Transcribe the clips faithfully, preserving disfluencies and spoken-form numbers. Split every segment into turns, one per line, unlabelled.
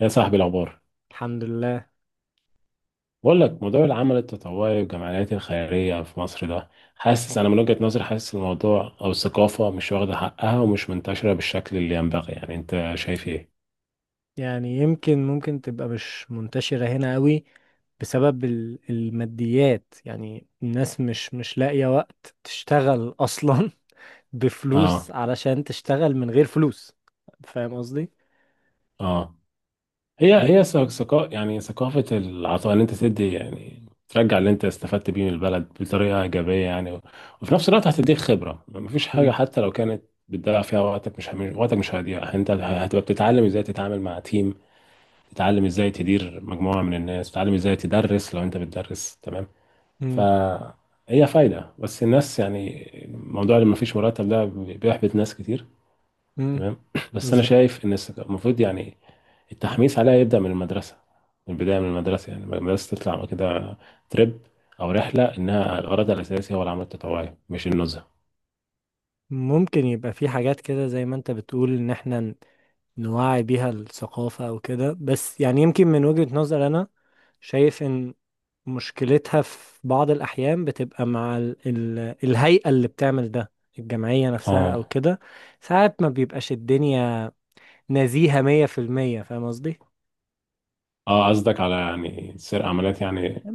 يا صاحبي الأخبار،
الحمد لله.
بقول لك موضوع العمل التطوعي والجمعيات الخيرية في مصر ده، حاسس أنا من وجهة نظري حاسس الموضوع أو الثقافة مش واخدة حقها ومش منتشرة بالشكل اللي ينبغي، يعني أنت شايف إيه؟
يعني يمكن ممكن تبقى مش منتشرة هنا قوي بسبب ال- الماديات. يعني الناس مش مش لاقية وقت تشتغل أصلا بفلوس،
آه.
علشان تشتغل من غير فلوس. فاهم قصدي؟
آه. هي
ي-
هي ثقافة، يعني ثقافة العطاء، إن أنت تدي يعني ترجع اللي أنت استفدت بيه من البلد بطريقة إيجابية يعني و- وفي نفس الوقت هتديك خبرة. مفيش حاجة
مم.
حتى لو كانت بتضيع فيها وقتك، مش هم- وقتك مش هيضيع، أنت هتبقى بتتعلم إزاي تتعامل مع تيم، تتعلم ازاي تدير مجموعة من الناس، تتعلم ازاي تدرس لو انت بتدرس. تمام.
مم.
فهي فايدة، بس الناس يعني موضوع اللي مفيش مرتب ده بيحبط ناس كتير.
مم.
تمام بس انا
بالظبط.
شايف ان الس- المفروض يعني التحميس عليها يبدأ من المدرسة، من البداية من المدرسة، يعني المدرسة تطلع كده تريب أو رحلة إنها الغرض الأساسي هو العمل التطوعي مش النزهة.
ممكن يبقى في حاجات كده زي ما انت بتقول ان احنا ن- نوعي بيها الثقافة او كده. بس يعني يمكن من وجهة نظر انا شايف ان مشكلتها في بعض الأحيان بتبقى مع ال ال الهيئة اللي بتعمل ده، الجمعية نفسها
اه.
أو كده. ساعات ما بيبقاش الدنيا نزيهة مية في المية. فاهم قصدي؟
اه، قصدك على يعني سير عمليات يعني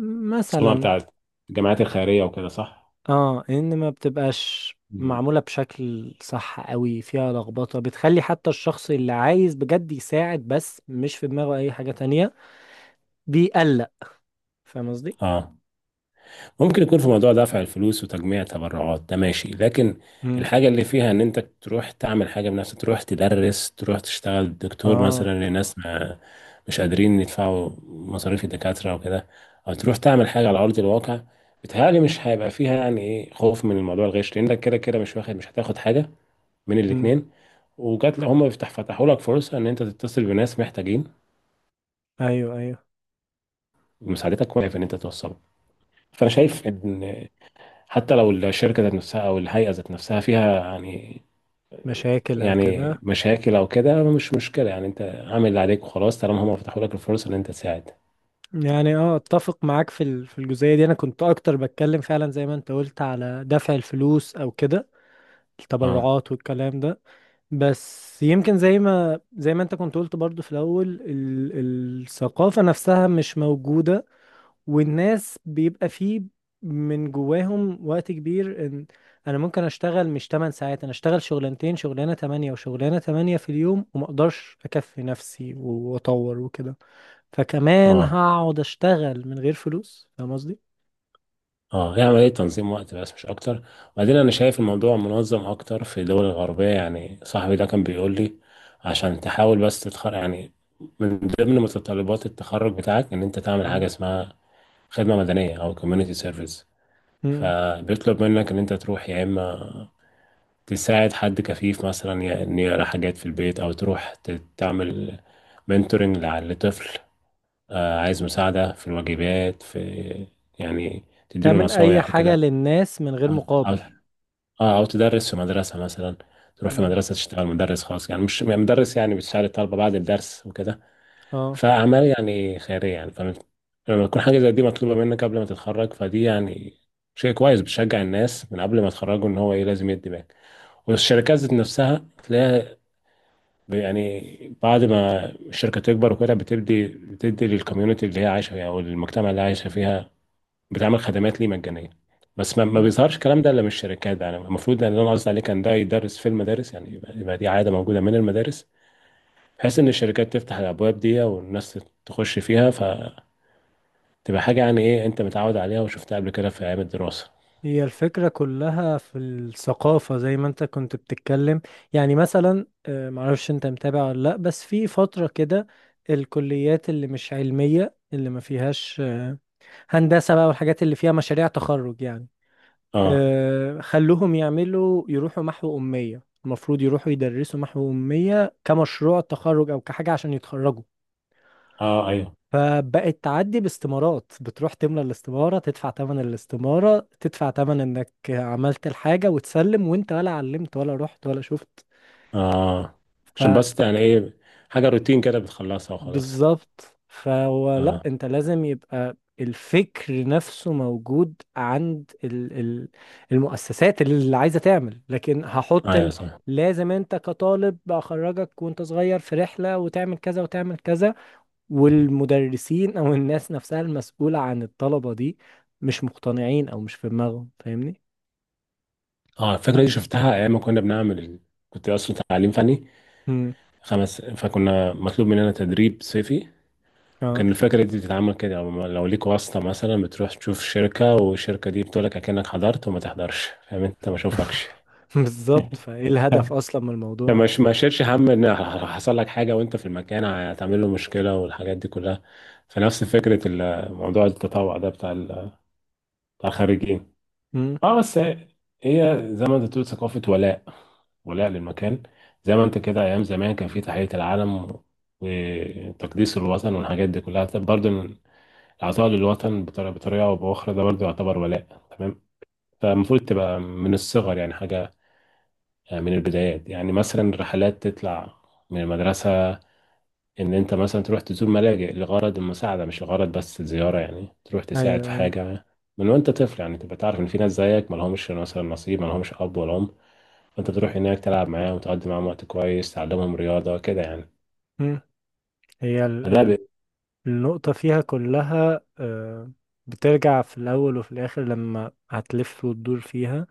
السمعة
مثلا.
بتاعت الجامعات الخيرية وكده، صح؟
اه، إن ما بتبقاش
مم.
معمولة بشكل صح قوي، فيها لخبطة بتخلي حتى الشخص اللي عايز بجد يساعد بس مش في دماغه أي حاجة تانية بيقلق. فاهم قصدي؟
اه، ممكن يكون في موضوع دفع الفلوس وتجميع تبرعات ده ماشي، لكن
مم.
الحاجة اللي فيها ان انت تروح تعمل حاجة بنفسك، تروح تدرس، تروح تشتغل دكتور
اه.
مثلا لناس ما مش قادرين يدفعوا مصاريف الدكاترة وكده، او تروح تعمل حاجة على ارض الواقع، بتهيألي مش هيبقى فيها يعني ايه خوف من الموضوع الغش، لانك كده كده مش واخد، مش هتاخد حاجة من
مم.
الاتنين. وجات لهم هم بيفتح فتحوا لك فرصة ان انت تتصل بناس محتاجين
أيوه، أيوه.
مساعدتك، واقف ان انت توصلهم. فانا شايف ان حتى لو الشركة ذات نفسها أو الهيئة ذات نفسها فيها يعني
مشاكل أو
يعني
كده.
مشاكل أو كده، مش مشكلة، يعني أنت عامل اللي عليك وخلاص طالما هم فتحوا لك الفرصة إن أنت تساعد.
يعني اه، اتفق معاك في ال- في الجزئية دي. انا كنت اكتر بتكلم فعلا زي ما انت قلت على دفع الفلوس او كده،
أه.
التبرعات والكلام ده. بس يمكن زي ما زي ما انت كنت قلت برضو في الاول ال الثقافة نفسها مش موجودة، والناس بيبقى فيه من جواهم وقت كبير ان انا ممكن اشتغل مش تمن ساعات، انا اشتغل شغلانتين، شغلانة تمنية وشغلانة تمنية في اليوم، وما اقدرش اكفي نفسي واطور وكده. فكمان
أه.
هقعد اشتغل من غير فلوس؟ فاهم قصدي.
أه، هي عملية تنظيم وقت بس مش أكتر. وبعدين أنا شايف الموضوع منظم أكتر في الدول الغربية. يعني صاحبي ده كان بيقول لي عشان تحاول بس تتخرج، يعني من ضمن متطلبات التخرج بتاعك إن أنت تعمل حاجة
مم.
اسمها خدمة مدنية أو كوميونيتي سيرفيس،
مم.
فبيطلب منك إن أنت تروح يا إما تساعد حد كفيف مثلا، ي- إن يقرأ حاجات في البيت، أو تروح ت- تعمل منتورنج لطفل، آه، عايز مساعدة في الواجبات، في يعني تديله
تعمل اي
نصايح
حاجة
وكده.
للناس من غير
أو أو
مقابل.
أو تدرس في مدرسة مثلا، تروح في
مم.
مدرسة تشتغل مدرس خاص، يعني مش يعني مدرس، يعني بتساعد الطلبة بعد الدرس وكده.
اه.
فأعمال يعني خيرية يعني، فلما لما تكون حاجة زي دي مطلوبة منك قبل ما تتخرج، فدي يعني شيء كويس، بتشجع الناس من قبل ما يتخرجوا إن هو إيه، لازم يدي باك. والشركات ذات نفسها تلاقيها يعني بعد ما الشركة تكبر وكده بتدي بتدي للكوميونتي اللي هي عايشة فيها، أو المجتمع اللي عايشة فيها، بتعمل خدمات ليه مجانية. بس ما, ما
مم.
بيظهرش الكلام ده إلا من الشركات، يعني المفروض إن، أنا قصدي عليه، كان ده يدرس في المدارس، يعني يبقى, يبقى دي عادة موجودة من المدارس، بحيث إن الشركات تفتح الأبواب دي والناس تخش فيها، فتبقى حاجة يعني إيه أنت متعود عليها وشفتها قبل كده في أيام الدراسة.
هي الفكرة كلها في الثقافة زي ما انت كنت بتتكلم. يعني مثلا آه، معرفش انت متابع ولا لا. بس في فترة كده الكليات اللي مش علمية، اللي ما فيهاش آه، هندسة بقى والحاجات اللي فيها مشاريع تخرج يعني،
أه.
آه، خلوهم يعملوا يروحوا محو أمية. المفروض يروحوا يدرسوا محو أمية كمشروع تخرج أو كحاجة عشان يتخرجوا.
أه. أيوه.
فبقت تعدي باستمارات، بتروح تملى الاستمارة، تدفع تمن الاستمارة، تدفع تمن إنك عملت الحاجة وتسلم، وأنت ولا علمت ولا رحت ولا شفت.
أه، عشان بس يعني إيه حاجة روتين كده بتخلصها وخلاص.
بالظبط. فهو لا،
أه
انت لازم يبقى الفكر نفسه موجود عند ال ال المؤسسات اللي عايزة تعمل، لكن هحط
أيوه
ان
صح.
لازم انت كطالب اخرجك وانت صغير في رحلة وتعمل كذا وتعمل كذا. والمدرسين او الناس نفسها المسؤولة عن الطلبة دي مش مقتنعين او مش في دماغهم. فاهمني؟
اه، الفكرة دي شفتها أيام ما كنا بنعمل ال- كنت أصلا تعليم فني
امم.
خمس، فكنا مطلوب مننا تدريب صيفي،
اه.
وكان الفكرة دي بتتعمل كده، لو لو ليك واسطة مثلا، بتروح تشوف شركة والشركة دي بتقولك أكنك حضرت وما تحضرش، فاهم أنت، ما شوفكش
بالظبط. فايه الهدف اصلا من الموضوع؟
فما ش- ما شيلش هم إن حصل لك حاجة وأنت في المكان، هتعمل له مشكلة والحاجات دي كلها. فنفس فكرة ال- موضوع التطوع ده بتاع ال- بتاع الخريجين.
امم.
اه بس هي زي ما انت بتقول، ثقافة ولاء، ولاء للمكان، زي ما انت كده ايام زمان كان في تحية العلم و- وتقديس الوطن والحاجات دي كلها. طب برضه العطاء للوطن بطريقة بطريقة او باخرى ده برضه يعتبر ولاء. تمام. فالمفروض تبقى من الصغر يعني حاجة، آه، من البدايات، يعني مثلا الرحلات تطلع من المدرسة ان انت مثلا تروح تزور ملاجئ لغرض المساعده، مش لغرض بس الزياره، يعني تروح تساعد في
ايوه، ايوه.
حاجه، من وانت طفل، يعني تبقى تعرف ان في ناس زيك ما لهمش مثلا نصيب، ما لهمش اب ولا ام، فانت تروح هناك تلعب معاهم وتقضي معاهم وقت كويس، تعلمهم رياضه كده يعني.
مم. هي
فده ب-
النقطة فيها كلها آه، بترجع في الأول وفي الآخر لما هتلف وتدور فيها.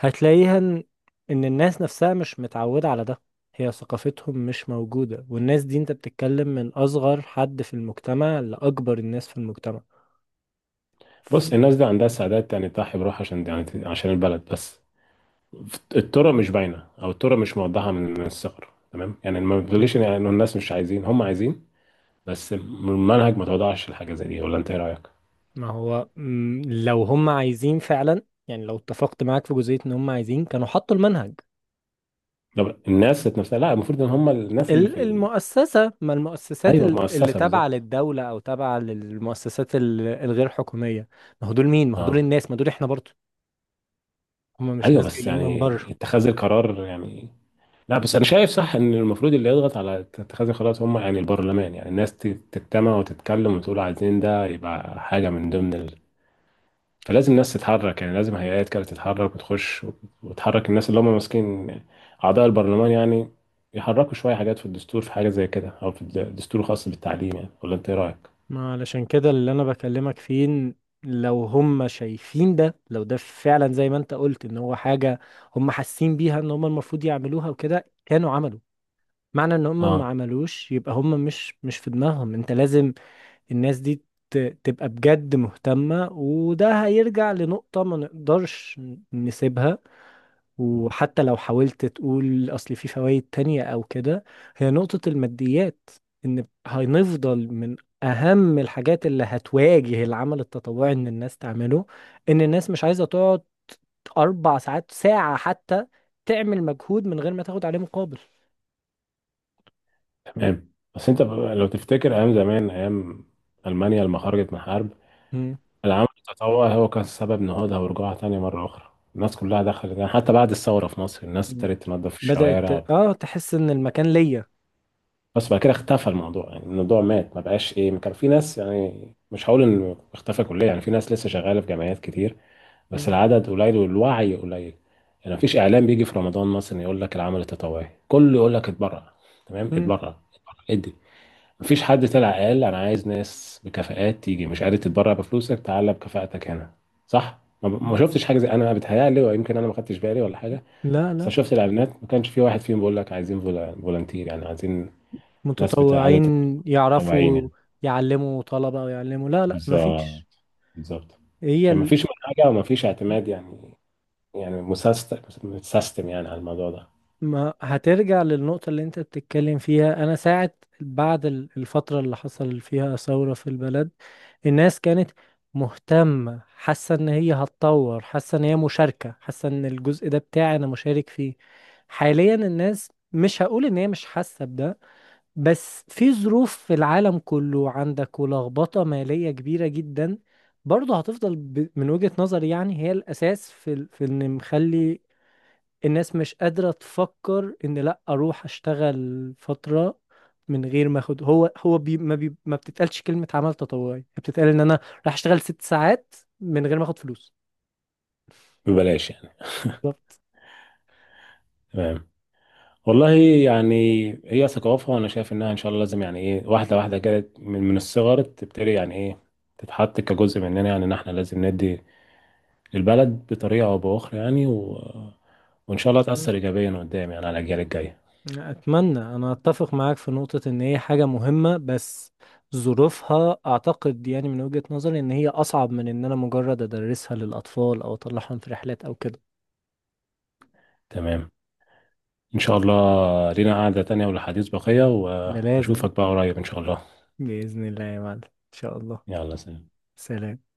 هتلاقيها إن إن الناس نفسها مش متعودة على ده. هي ثقافتهم مش موجودة، والناس دي أنت بتتكلم من أصغر حد في المجتمع لأكبر الناس في المجتمع.
بص، الناس دي عندها سعادات يعني تضحي بروح عشان يعني عشان البلد، بس الطرق مش باينه، او الطرق مش موضحه من من الصغر. تمام، يعني ما
م.
بتقوليش ان يعني إن الناس مش عايزين، هم عايزين، بس المنهج ما توضحش الحاجه زي دي، ولا انت ايه رايك؟
ما هو م، لو هم عايزين فعلا، يعني لو اتفقت معاك في جزئية إن هم عايزين كانوا حطوا المنهج.
طب الناس ذات نفسها، لا، المفروض ان هم الناس اللي في
ال-
ال...
المؤسسة، ما المؤسسات
ايوه
ال- اللي
المؤسسه
تابعة
بالظبط.
للدولة أو تابعة للمؤسسات ال- الغير حكومية. ما هو دول مين؟ ما هو دول
اه
الناس، ما دول إحنا برضو. هم مش
ايوه،
ناس
بس
جايين من
يعني
بره.
اتخاذ القرار يعني، لا بس انا شايف صح ان المفروض اللي يضغط على اتخاذ القرارات هم يعني البرلمان، يعني الناس ت- تجتمع وتتكلم وتقول عايزين ده يبقى حاجه من ضمن ال... فلازم الناس تتحرك، يعني لازم هيئات كده تتحرك وتخش وت- وتحرك الناس اللي هم ماسكين، اعضاء البرلمان يعني، يحركوا شويه حاجات في الدستور، في حاجه زي كده، او في الد- الدستور الخاص بالتعليم، يعني ولا انت ايه رايك؟
ما علشان كده اللي أنا بكلمك فيه، إن لو هم شايفين ده، لو ده فعلا زي ما أنت قلت إن هو حاجة هم حاسين بيها إن هم المفروض يعملوها وكده، كانوا عملوا. معنى إن هم ما عملوش يبقى هم مش مش في دماغهم. أنت لازم الناس دي ت- تبقى بجد مهتمة، وده هيرجع لنقطة ما نقدرش نسيبها. وحتى لو حاولت تقول أصل في فوائد تانية أو كده، هي نقطة الماديات، إن هنفضل من أهم الحاجات اللي هتواجه العمل التطوعي إن الناس تعمله، إن الناس مش عايزة تقعد أربع ساعات، ساعة حتى، تعمل مجهود من غير ما تاخد عليه مقابل.
تمام. بس انت بقى لو تفتكر ايام زمان، ايام المانيا لما خرجت من حرب،
مم.
العمل التطوعي هو كان سبب نهوضها ورجوعها تاني مره اخرى، الناس كلها دخلت. يعني حتى بعد الثوره في مصر الناس ابتدت تنظف
بدأت
الشوارع وبت-
آه تحس إن المكان ليا.
بس بعد كده اختفى الموضوع، يعني الموضوع مات، ما بقاش ايه، كان في ناس، يعني مش هقول انه اختفى كليا، يعني في ناس لسه شغاله في جمعيات كتير، بس
مم.
العدد قليل والوعي قليل. يعني مفيش اعلام بيجي في رمضان مثلا يقول لك العمل التطوعي كله، يقول لك اتبرع. تمام، اتبرع اتبرع، ادي. مفيش حد طلع قال انا عايز ناس بكفاءات تيجي، مش قادر تتبرع بفلوسك تعالى بكفاءتك هنا. صح، ما ما
مم.
شفتش حاجه زي، انا بتهيألي، ويمكن انا ما خدتش بالي ولا حاجه،
لا،
بس
لا.
أنا شفت الاعلانات ما كانش في واحد فيهم بيقول لك عايزين فولا- فولنتير، يعني عايزين ناس بتاع
متطوعين
عدد متطوعين
يعرفوا،
يعني.
يعلموا طلبة او يعلموا؟ لا، لا، مفيش.
بالظبط. بالظبط.
هي
عشان ما
ال...
فيش منهجه وما فيش اعتماد يعني، يعني مسست- متسيستم يعني على الموضوع ده.
ما هترجع للنقطة اللي انت بتتكلم فيها. انا ساعة بعد ال- الفترة اللي حصل فيها ثورة في البلد، الناس كانت مهتمة، حاسة ان هي هتطور، حاسة ان هي مشاركة، حاسة ان الجزء ده بتاعي انا مشارك فيه. حاليا الناس مش هقول ان هي مش حاسة بده، بس في ظروف في العالم كله عندك ولخبطة مالية كبيرة جدا. برضه هتفضل ب... من وجهة نظري يعني هي الأساس في ال... في إن مخلي الناس مش قادرة تفكر إن لأ أروح أشتغل فترة من غير ما أخد. هو هو بي... ما بي... ما بتتقالش كلمة عمل تطوعي، بتتقال إن أنا راح أشتغل ست ساعات من غير ما أخد فلوس.
ببلاش يعني.
بالظبط.
تمام. والله، يعني هي ثقافة أنا شايف إنها إن شاء الله لازم يعني إيه واحدة واحدة كده من من الصغر تبتدي، يعني إيه تتحط كجزء مننا، يعني إن إحنا لازم ندي للبلد بطريقة أو بأخرى، يعني و... وإن شاء الله تأثر إيجابيا قدام يعني على الأجيال الجاية.
أتمنى. أنا أتفق معاك في نقطة إن هي حاجة مهمة، بس ظروفها أعتقد يعني من وجهة نظري إن هي أصعب من إن أنا مجرد أدرسها للأطفال أو أطلعهم في رحلات أو كده.
تمام. إن شاء الله لينا قعدة تانية ولحديث بقية،
ده لازم،
وأشوفك بقى قريب إن شاء الله.
بإذن الله يا معلم، إن شاء الله.
يلا سلام.
سلام.